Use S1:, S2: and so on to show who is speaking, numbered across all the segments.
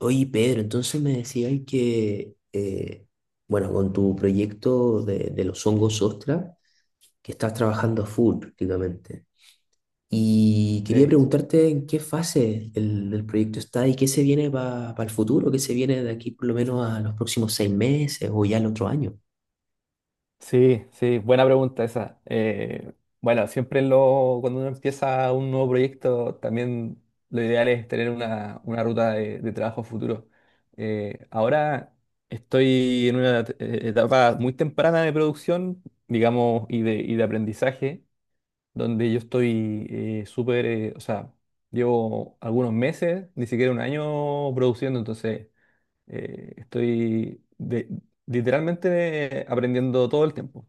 S1: Oye, Pedro, entonces me decías que, bueno, con tu proyecto de los hongos ostra, que estás trabajando a full prácticamente. Y quería
S2: Sí,
S1: preguntarte en qué fase el proyecto está y qué se viene para el futuro, qué se viene de aquí por lo menos a los próximos seis meses o ya el otro año.
S2: sí, sí, buena pregunta esa. Bueno, cuando uno empieza un nuevo proyecto, también lo ideal es tener una ruta de trabajo futuro. Ahora estoy en una etapa muy temprana de producción, digamos, y de aprendizaje, donde yo estoy súper, o sea, llevo algunos meses, ni siquiera un año produciendo, entonces... Eh, estoy de- Literalmente aprendiendo todo el tiempo.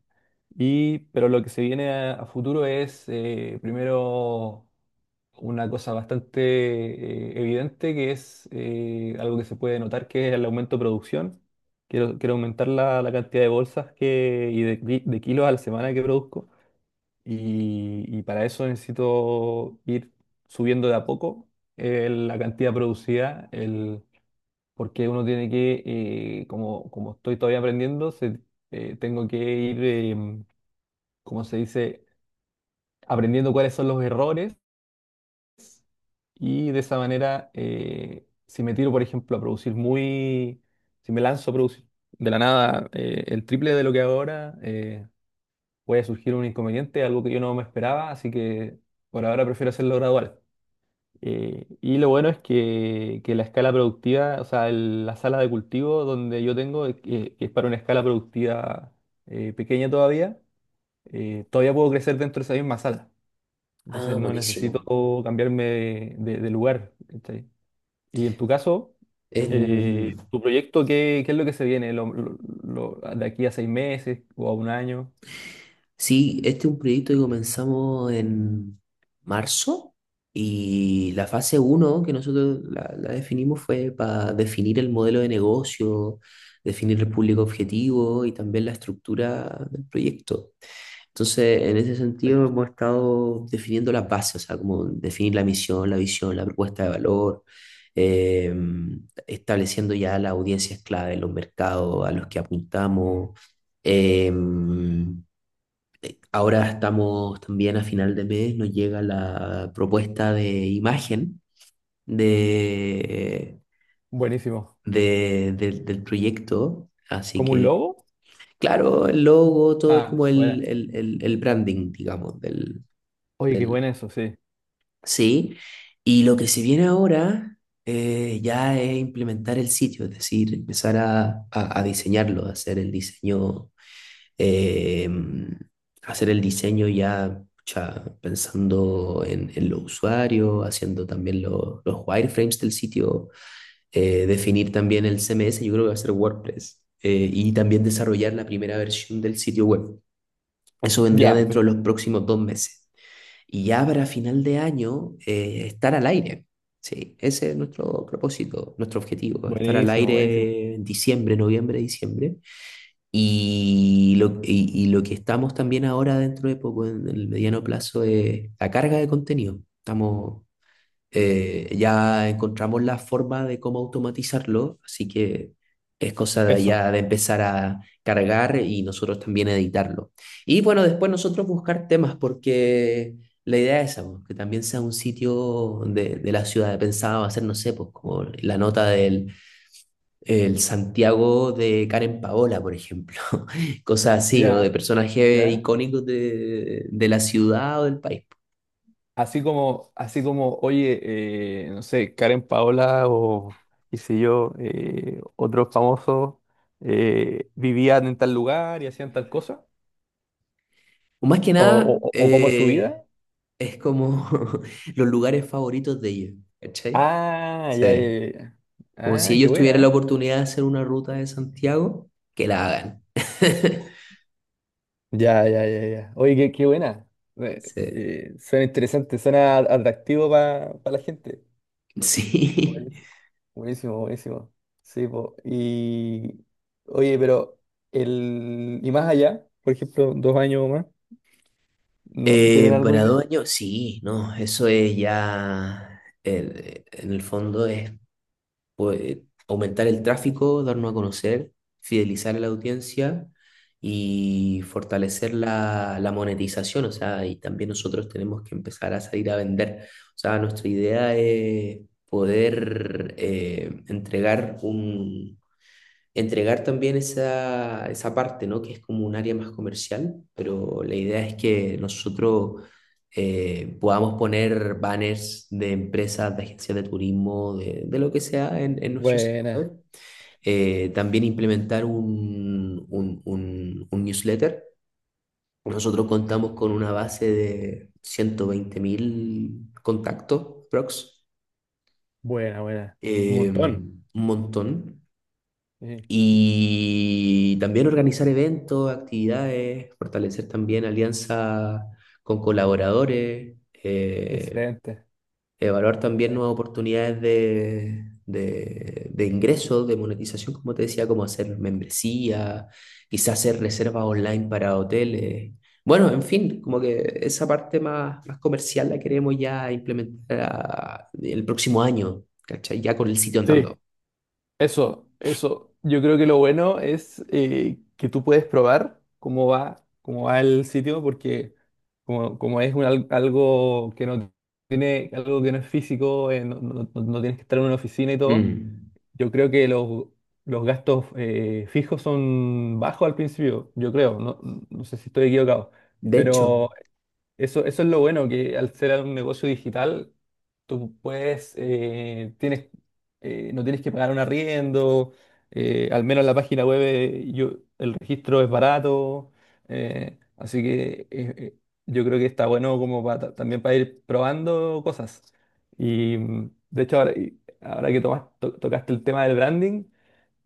S2: Y, pero lo que se viene a futuro es, primero, una cosa bastante evidente, que es algo que se puede notar, que es el aumento de producción. Quiero aumentar la cantidad de bolsas que, y de, ki- de kilos a la semana que produzco. Y para eso necesito ir subiendo de a poco la cantidad producida, porque uno tiene que, como, como estoy todavía aprendiendo, tengo que ir, como se dice, aprendiendo cuáles son los errores y de esa manera, si me tiro, por ejemplo, si me lanzo a producir de la nada el triple de lo que hago ahora, puede surgir un inconveniente, algo que yo no me esperaba, así que por ahora prefiero hacerlo gradual. Y lo bueno es que la escala productiva, o sea, la sala de cultivo donde yo tengo, que es para una escala productiva pequeña todavía, todavía puedo crecer dentro de esa misma sala.
S1: Ah,
S2: Entonces no
S1: buenísimo.
S2: necesito cambiarme de lugar. ¿Cachai? Y en tu caso,
S1: En-
S2: ¿tu proyecto qué es lo que se viene de aquí a 6 meses o a un año?
S1: Sí, este es un proyecto que comenzamos en marzo y la fase uno que nosotros la definimos fue para definir el modelo de negocio, definir el público objetivo y también la estructura del proyecto. Entonces, en ese sentido
S2: Perfecto.
S1: hemos estado definiendo las bases, o sea, como definir la misión, la visión, la propuesta de valor, eh, estableciendo ya las audiencias clave, los mercados a los que apuntamos. Eh, Ahora estamos también a final de mes, nos llega la propuesta de imagen de,
S2: Buenísimo.
S1: del del proyecto, así
S2: ¿Como un
S1: que,
S2: lobo?
S1: claro, el logo, todo es
S2: Ah,
S1: como
S2: buena.
S1: el branding, digamos, del,
S2: Oye, qué
S1: del.
S2: bueno eso, sí.
S1: Sí, y lo que se viene ahora ya es implementar el sitio, es decir, empezar a diseñarlo, a hacer el diseño, eh, hacer el diseño ya pucha, pensando en los usuarios, haciendo también los wireframes del sitio, definir también el CMS. Yo creo que va a ser WordPress, y también desarrollar la primera versión del sitio web. Eso vendría
S2: Ya,
S1: dentro de los próximos dos meses. Y ya para final de año, estar al aire. Sí, ese es nuestro propósito, nuestro objetivo: estar al
S2: buenísimo, buenísimo.
S1: aire en diciembre, noviembre, diciembre, y lo que estamos también ahora dentro de poco, en el mediano plazo, es la carga de contenido. Estamos, ya encontramos la forma de cómo automatizarlo, así que es cosa de
S2: Eso.
S1: ya de empezar a cargar y nosotros también editarlo. Y bueno, después nosotros buscar temas, porque la idea es esa, pues, que también sea un sitio de la ciudad. Pensaba hacer, no sé, pues como la nota del el Santiago de Karen Paola, por ejemplo, cosas así, o
S2: Ya,
S1: de personajes
S2: ya.
S1: icónicos de la ciudad o del país.
S2: Así como, oye, no sé, Karen Paola o qué sé yo, otros famosos vivían en tal lugar y hacían tal cosa.
S1: O más que nada,
S2: O cómo es su vida.
S1: es como los lugares favoritos de ellos, ¿cachai?
S2: Ah,
S1: Sí.
S2: ya, ya, ya, ya.
S1: Como si
S2: Ah, qué
S1: ellos tuvieran
S2: buena, ¿eh?
S1: la oportunidad de hacer una ruta de Santiago, que la hagan.
S2: Ya, ya, ya, ya. Oye, qué, qué buena. Eh,
S1: Sí.
S2: Suena interesante, suena atractivo para la gente.
S1: Sí.
S2: Buenísimo, buenísimo, buenísimo. Sí, po. Oye, pero el y más allá, por ejemplo, 2 años o más, no, ¿tienen alguna
S1: Para
S2: idea?
S1: dos años, sí, no, eso es ya, en el fondo es, pues, aumentar el tráfico, darnos a conocer, fidelizar a la audiencia y fortalecer la monetización. O sea, y también nosotros tenemos que empezar a salir a vender. O sea, nuestra idea es poder, entregar un, entregar también esa parte, ¿no? Que es como un área más comercial, pero la idea es que nosotros, podamos poner banners de empresas, de agencias de turismo, de lo que sea en nuestro sitio
S2: Buena.
S1: web. También implementar un newsletter. Nosotros contamos con una base de 120.000 contactos, prox,
S2: Buena, buena. Un montón.
S1: un montón.
S2: Sí,
S1: Y también organizar eventos, actividades, fortalecer también alianzas con colaboradores, eh,
S2: excelente.
S1: evaluar también
S2: Bueno.
S1: nuevas oportunidades de ingresos, de monetización, como te decía, como hacer membresía, quizás hacer reservas online para hoteles. Bueno, en fin, como que esa parte más, más comercial la queremos ya implementar ah, el próximo año, ¿cachai? Ya con el sitio
S2: Sí,
S1: andando.
S2: eso, eso. Yo creo que lo bueno es que tú puedes probar cómo va el sitio, porque como, como es algo que no tiene, algo que no es físico, no, no tienes que estar en una oficina y todo.
S1: Mm.
S2: Yo creo que los gastos fijos son bajos al principio, yo creo, no, no sé si estoy equivocado,
S1: De hecho,
S2: pero eso es lo bueno, que al ser un negocio digital, tienes, no tienes que pagar un arriendo, al menos la página web el registro es barato, así que yo creo que está bueno como también para ir probando cosas. Y de hecho, ahora, y ahora que tocaste el tema del branding,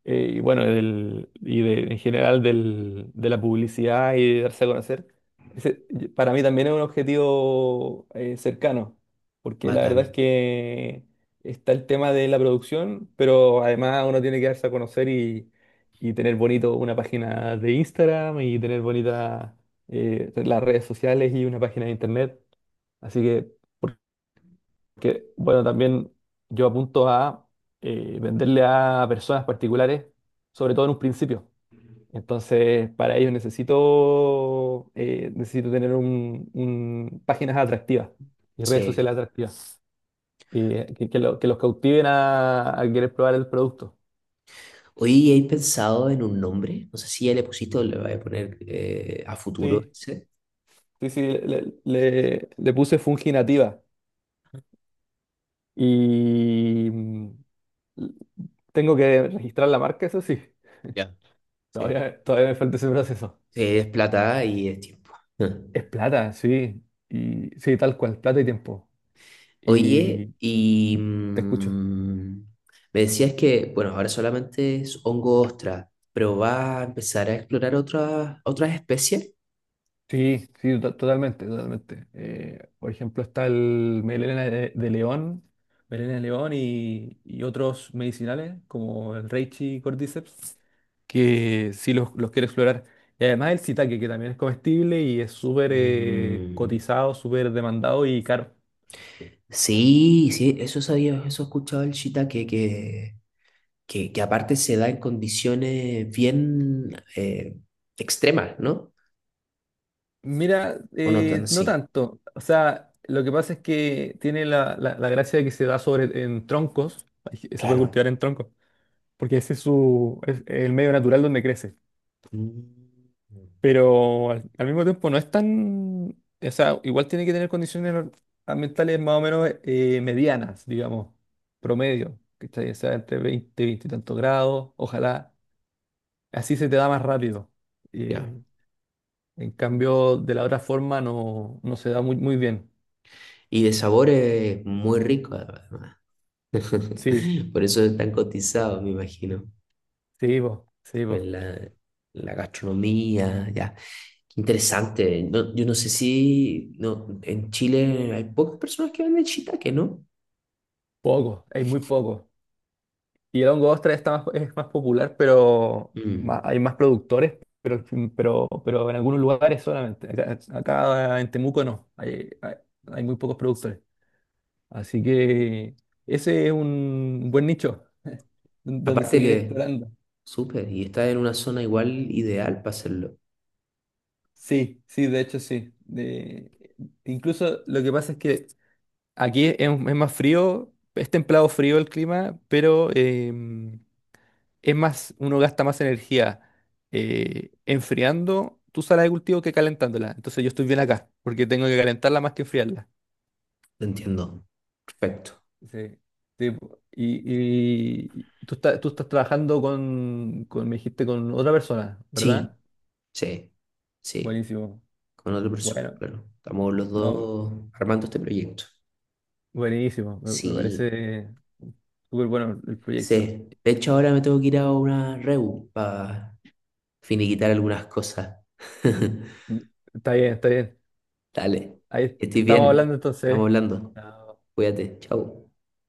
S2: y bueno, en general de la publicidad y de darse a conocer, ese para mí también es un objetivo cercano, porque la
S1: bacán.
S2: verdad es que está el tema de la producción, pero además uno tiene que darse a conocer y tener bonito una página de Instagram y tener bonitas las redes sociales y una página de internet. Así que, bueno, también yo apunto a venderle a personas particulares, sobre todo en un principio. Entonces, para ello necesito tener páginas atractivas y redes
S1: Sí.
S2: sociales atractivas, y que que los cautiven a querer probar el producto.
S1: Hoy he pensado en un nombre, no sé si ya le pusiste o le voy a poner, a futuro
S2: Sí,
S1: ese.
S2: sí, sí, le puse Funginativa y tengo que registrar la marca, eso sí.
S1: Ya. Sí.
S2: Todavía, todavía me falta ese proceso.
S1: Sí, es plata y es tiempo.
S2: Es plata, sí. Y sí, tal cual, plata y tiempo.
S1: Oye,
S2: Y
S1: y
S2: te escucho.
S1: me decías que, bueno, ahora solamente es hongo ostra, pero va a empezar a explorar otras especies.
S2: Sí, sí, totalmente, totalmente. Por ejemplo, está el melena de león, melena de león y otros medicinales como el reishi y cordyceps, que sí los quiero explorar. Y además el shiitake, que también es comestible y es súper
S1: Mm,
S2: cotizado, súper demandado y caro.
S1: sí, sí, eso sabía, eso he escuchado el shiitake, que aparte se da en condiciones bien, extremas, ¿no?
S2: Mira,
S1: O no tan
S2: no
S1: así.
S2: tanto. O sea, lo que pasa es que tiene la gracia de que se da sobre en troncos. Ay, se puede
S1: Claro.
S2: cultivar en troncos, porque ese es su es el medio natural donde crece.
S1: Mm.
S2: Pero al, al mismo tiempo no es tan, o sea, igual tiene que tener condiciones ambientales más o menos medianas, digamos, promedio, ¿cachai? O sea, entre 20 veinte y tantos grados, ojalá. Así se te da más rápido. Eh,
S1: Ya.
S2: en cambio, de la otra forma no, no se da muy, muy bien.
S1: Y de sabor es muy rico, además.
S2: Sí.
S1: Por eso es tan cotizado, me imagino.
S2: Sí, po, sí,
S1: Pues
S2: po.
S1: la gastronomía, ya. Qué interesante. No, yo no sé si no, en Chile hay pocas personas que venden shiitake, ¿no?
S2: Poco, hay muy poco. Y el hongo ostra está más, es más popular, pero
S1: Mm.
S2: hay más productores, pero en algunos lugares solamente. Acá, acá en Temuco no, hay muy pocos productores. Así que ese es un buen nicho donde
S1: Aparte
S2: seguir
S1: que,
S2: explorando.
S1: súper, y está en una zona igual ideal para hacerlo.
S2: Sí, sí, de hecho sí. De, incluso lo que pasa es que aquí es más frío, es templado frío el clima, pero... es más, uno gasta más energía enfriando tu sala de cultivo que calentándola. Entonces yo estoy bien acá, porque tengo que calentarla más que enfriarla.
S1: Entiendo. Perfecto.
S2: Sí, sí, po. Y tú estás trabajando con, me dijiste, con otra persona,
S1: Sí,
S2: ¿verdad?
S1: sí, sí.
S2: Buenísimo.
S1: Con otra persona,
S2: Bueno,
S1: claro. Estamos los
S2: no,
S1: dos armando este proyecto.
S2: buenísimo. Me
S1: Sí,
S2: parece súper bueno el proyecto.
S1: sí. De hecho, ahora me tengo que ir a una reu para finiquitar algunas cosas.
S2: Mm, Está bien, está bien.
S1: Dale,
S2: Ahí
S1: que estés
S2: estamos hablando
S1: bien. Estamos
S2: entonces.
S1: hablando.
S2: Chao.
S1: Cuídate, chao.